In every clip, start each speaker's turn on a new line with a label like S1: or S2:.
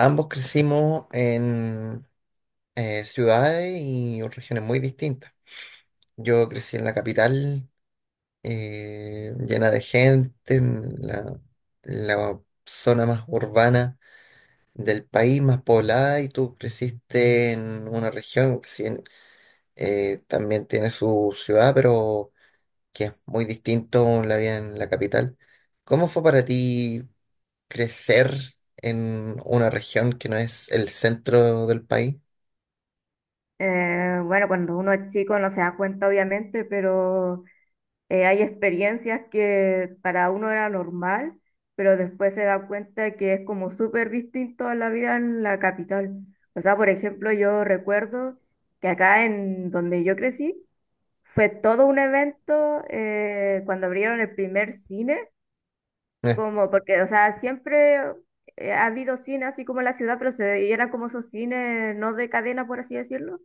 S1: Ambos crecimos en ciudades y regiones muy distintas. Yo crecí en la capital, llena de gente, en la zona más urbana del país, más poblada, y tú creciste en una región que si bien, también tiene su ciudad, pero que es muy distinto la vida en la capital. ¿Cómo fue para ti crecer en una región que no es el centro del país?
S2: Bueno, Cuando uno es chico no se da cuenta, obviamente, pero hay experiencias que para uno era normal, pero después se da cuenta que es como súper distinto a la vida en la capital. O sea, por ejemplo, yo recuerdo que acá en donde yo crecí fue todo un evento cuando abrieron el primer cine, como porque, o sea, siempre ha habido cine así como en la ciudad, pero y eran como esos cines no de cadena, por así decirlo.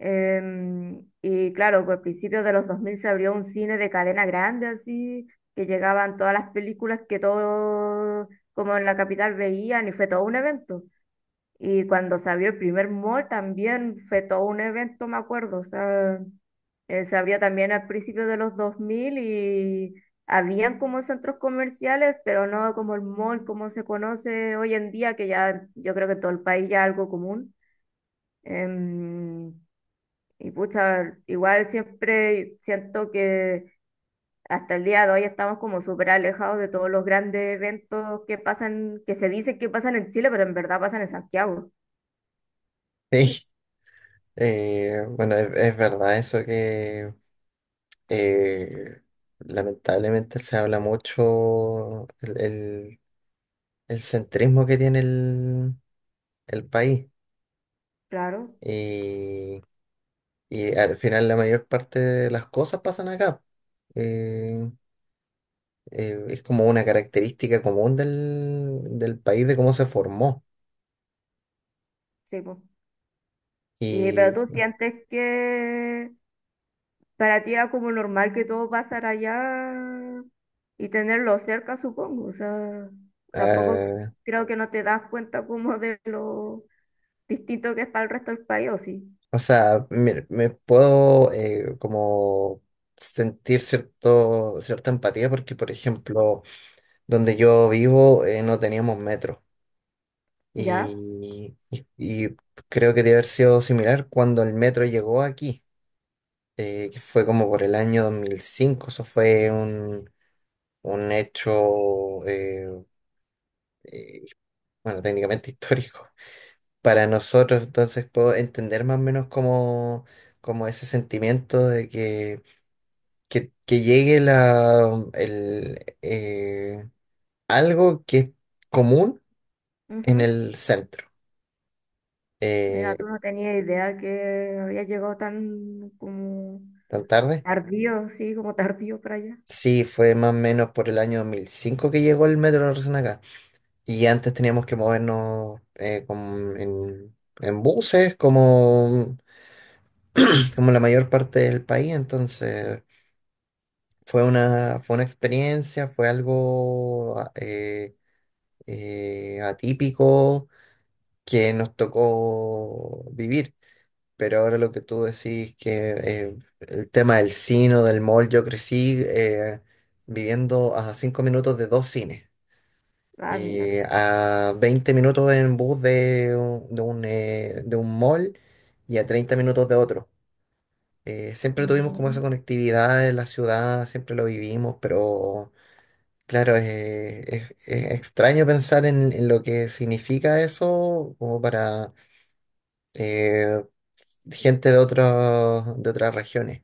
S2: Y claro, pues a principios de los 2000 se abrió un cine de cadena grande, así, que llegaban todas las películas que todos, como en la capital, veían, y fue todo un evento. Y cuando se abrió el primer mall también fue todo un evento, me acuerdo. O sea, se abrió también al principio de los 2000 y habían como centros comerciales, pero no como el mall, como se conoce hoy en día, que ya yo creo que en todo el país ya es algo común. Em, y pucha, igual siempre siento que hasta el día de hoy estamos como súper alejados de todos los grandes eventos que pasan, que se dicen que pasan en Chile, pero en verdad pasan en Santiago.
S1: Sí, bueno, es verdad eso que eh, lamentablemente se habla mucho el centrismo que tiene el país,
S2: Claro,
S1: y, y al final la mayor parte de las cosas pasan acá. Eh, es como una característica común del país de cómo se formó.
S2: sí, pues. Y, pero
S1: y
S2: tú sientes que para ti era como normal que todo pasara allá y tenerlo cerca, supongo. O sea, tampoco
S1: ah,
S2: creo que no te das cuenta como de lo distinto que es para el resto del país, ¿o sí?
S1: O sea, me puedo como sentir cierta empatía porque, por ejemplo, donde yo vivo no teníamos metro,
S2: ¿Ya?
S1: y creo que debe haber sido similar cuando el metro llegó aquí, que fue como por el año 2005. Eso fue un hecho, eh, bueno, técnicamente histórico para nosotros, entonces puedo entender más o menos como ese sentimiento de que llegue algo que es común en
S2: Ujú.
S1: el centro. Eh,
S2: Mira, tú no tenía idea que había llegado tan como
S1: ¿Tan tarde?
S2: tardío, sí, como tardío para allá.
S1: Sí, fue más o menos por el año 2005 que llegó el metro recién acá. Y antes teníamos que movernos en buses, como la mayor parte del país. Entonces fue una experiencia, fue algo atípico que nos tocó vivir. Pero ahora lo que tú decís que el tema del cine o del mall, yo crecí viviendo a 5 minutos de dos cines
S2: Ah, mira.
S1: y a 20 minutos en bus de un mall y a 30 minutos de otro. Siempre tuvimos como esa
S2: Mm.
S1: conectividad en la ciudad, siempre lo vivimos, pero claro, es extraño pensar en lo que significa eso como para eh, gente de otras regiones.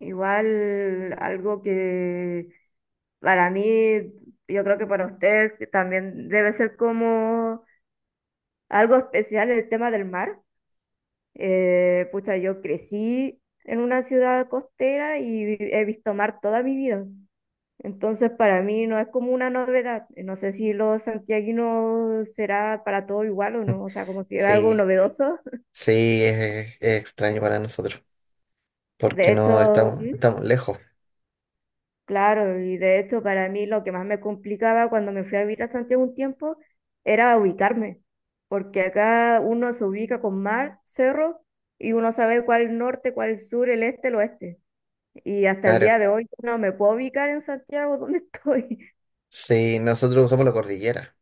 S2: Igual algo que para mí, yo creo que para usted que también debe ser como algo especial el tema del mar. Pucha, yo crecí en una ciudad costera y he visto mar toda mi vida. Entonces, para mí no es como una novedad. No sé si los santiaguinos será para todo igual o no, o sea, como si era algo
S1: Sí,
S2: novedoso.
S1: sí, es extraño para nosotros,
S2: De
S1: porque no
S2: hecho,
S1: estamos,
S2: ¿Mm?
S1: estamos lejos,
S2: Claro, y de hecho para mí lo que más me complicaba cuando me fui a vivir a Santiago un tiempo era ubicarme, porque acá uno se ubica con mar, cerro, y uno sabe cuál es el norte, cuál es el sur, el este, el oeste. Y hasta el
S1: claro.
S2: día de hoy no me puedo ubicar en Santiago, ¿dónde estoy?
S1: Sí, nosotros usamos la cordillera.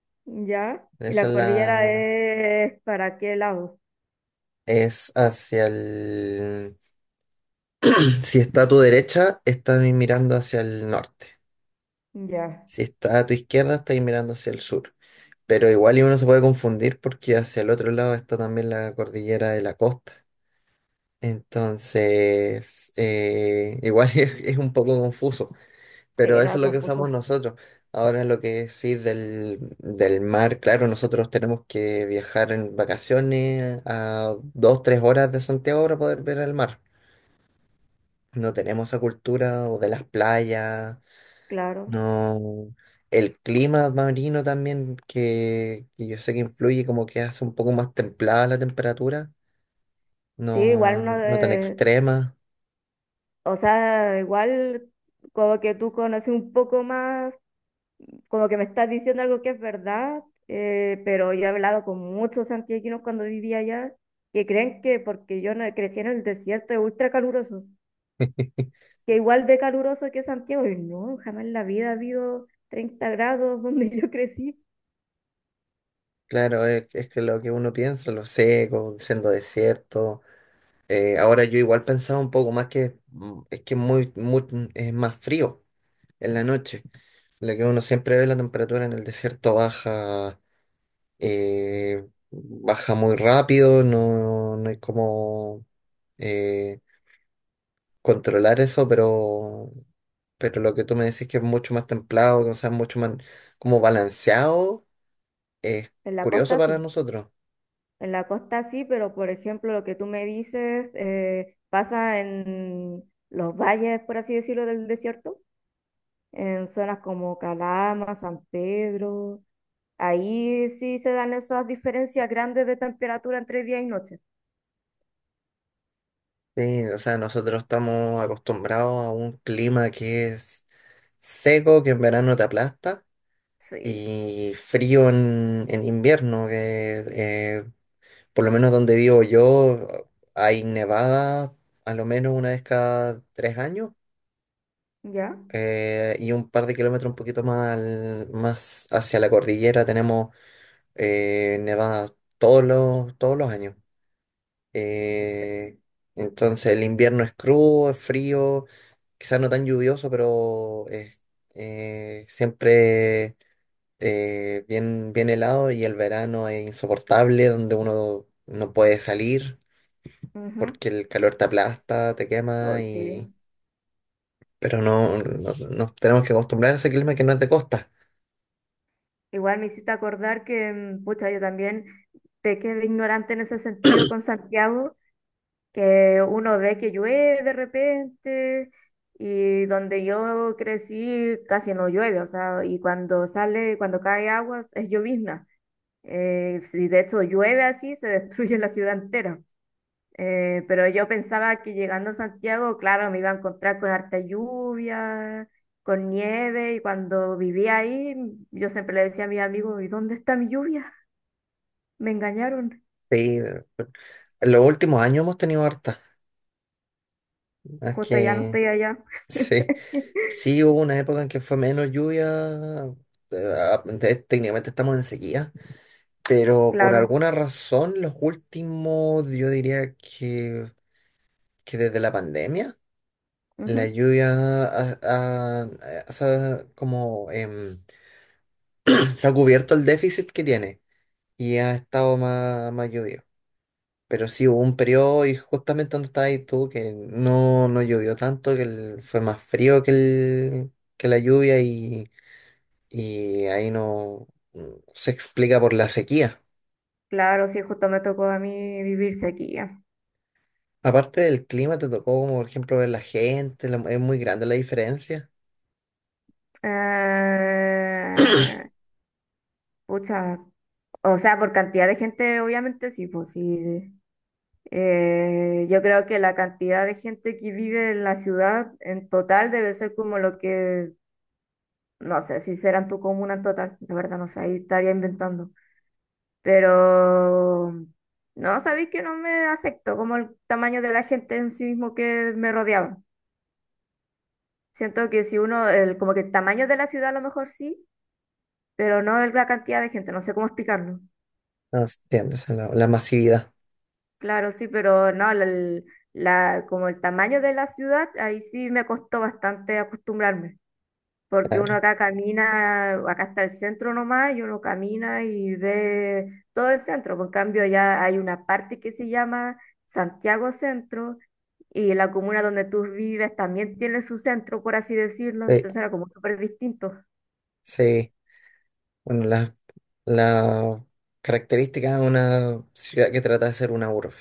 S2: ¿Ya? ¿Y
S1: Esa
S2: la
S1: es
S2: cordillera
S1: la...
S2: es para qué lado?
S1: Es hacia el... Si está a tu derecha, estás mirando hacia el norte.
S2: Ya,
S1: Si está a tu izquierda, estás mirando hacia el sur. Pero igual y uno se puede confundir porque hacia el otro lado está también la cordillera de la costa. Entonces, igual es un poco confuso.
S2: sí,
S1: Pero
S2: no,
S1: eso
S2: es
S1: es lo que usamos
S2: confuso,
S1: nosotros. Ahora lo que sí del mar, claro, nosotros tenemos que viajar en vacaciones a 2, 3 horas de Santiago para poder ver el mar. No tenemos esa cultura o de las playas,
S2: claro.
S1: no. El clima marino también, que yo sé que influye, como que hace un poco más templada la temperatura,
S2: Sí, igual
S1: no,
S2: uno,
S1: no tan extrema.
S2: o sea, igual como que tú conoces un poco más, como que me estás diciendo algo que es verdad, pero yo he hablado con muchos santiaguinos cuando vivía allá, que creen que porque yo no crecí en el desierto es ultra caluroso, que igual de caluroso que Santiago, y no, jamás en la vida ha habido 30 grados donde yo crecí,
S1: Claro, es que lo que uno piensa, lo seco, siendo desierto. Ahora yo igual pensaba un poco más que es que muy, muy, es más frío en la noche. Lo que uno siempre ve, la temperatura en el desierto baja, eh, baja muy rápido, no, no hay como eh, controlar eso, pero lo que tú me decís que es mucho más templado, que o sea, mucho más como balanceado, es
S2: en la
S1: curioso
S2: costa
S1: para
S2: sí.
S1: nosotros.
S2: En la costa sí, pero por ejemplo, lo que tú me dices pasa en los valles, por así decirlo, del desierto, en zonas como Calama, San Pedro. Ahí sí se dan esas diferencias grandes de temperatura entre día y noche.
S1: Sí, o sea, nosotros estamos acostumbrados a un clima que es seco, que en verano te aplasta,
S2: Sí,
S1: y frío en invierno, que por lo menos donde vivo yo hay nevada a lo menos una vez cada 3 años,
S2: ya.
S1: y un par de kilómetros un poquito más, más hacia la cordillera tenemos nevada todos los años. Eh, entonces el invierno es crudo, es frío. Quizás no tan lluvioso, pero es siempre bien, bien helado y el verano es insoportable, donde uno no puede salir
S2: Ujú.
S1: porque el calor te aplasta, te quema
S2: Ay, sí.
S1: y... Pero no, nos tenemos que acostumbrar a ese clima que no es de costa.
S2: Igual me hiciste acordar que, mm, pucha, yo también pequé de ignorante en ese sentido con Santiago, que uno ve que llueve de repente y donde yo crecí casi no llueve, o sea, y cuando sale, cuando cae agua es llovizna. Si de hecho llueve así, se destruye la ciudad entera. Pero yo pensaba que llegando a Santiago, claro, me iba a encontrar con harta lluvia, con nieve, y cuando vivía ahí, yo siempre le decía a mis amigos, ¿y dónde está mi lluvia? Me engañaron,
S1: Sí, en los últimos años hemos tenido harta. Es
S2: justo ya no
S1: que
S2: estoy allá,
S1: sí, sí hubo una época en que fue menos lluvia. Técnicamente estamos en sequía. Pero por
S2: claro.
S1: alguna razón, los últimos, yo diría que desde la pandemia, la
S2: Ujú.
S1: lluvia se ha ha cubierto el déficit que tiene y ha estado más, más lluvioso. Pero sí hubo un periodo, y justamente donde estabas ahí tú, que no llovió tanto, que fue más frío que la lluvia, y ahí no se explica por la sequía.
S2: Claro, sí, justo me tocó a mí vivir sequía.
S1: Aparte del clima, te tocó, como por ejemplo, ver la gente, es muy grande la diferencia.
S2: Eh, Pucha, o sea, por cantidad de gente, obviamente sí, pues sí. Yo creo que la cantidad de gente que vive en la ciudad en total debe ser como lo que, no sé, si será en tu comuna en total, de verdad, no sé, ahí estaría inventando. Pero, no, sabéis que no me afectó como el tamaño de la gente en sí mismo que me rodeaba. Siento que si uno, el, como que el tamaño de la ciudad a lo mejor sí pero no la cantidad de gente, no sé cómo explicarlo.
S1: No se entiende, o sea, la masividad,
S2: Claro, sí, pero no, como el tamaño de la ciudad, ahí sí me costó bastante acostumbrarme, porque uno
S1: claro.
S2: acá camina, acá está el centro nomás, y uno camina y ve todo el centro, por cambio ya hay una parte que se llama Santiago Centro, y la comuna donde tú vives también tiene su centro, por así decirlo,
S1: Sí,
S2: entonces era como súper distinto.
S1: sí. Bueno, la característica de una ciudad que trata de ser una urbe.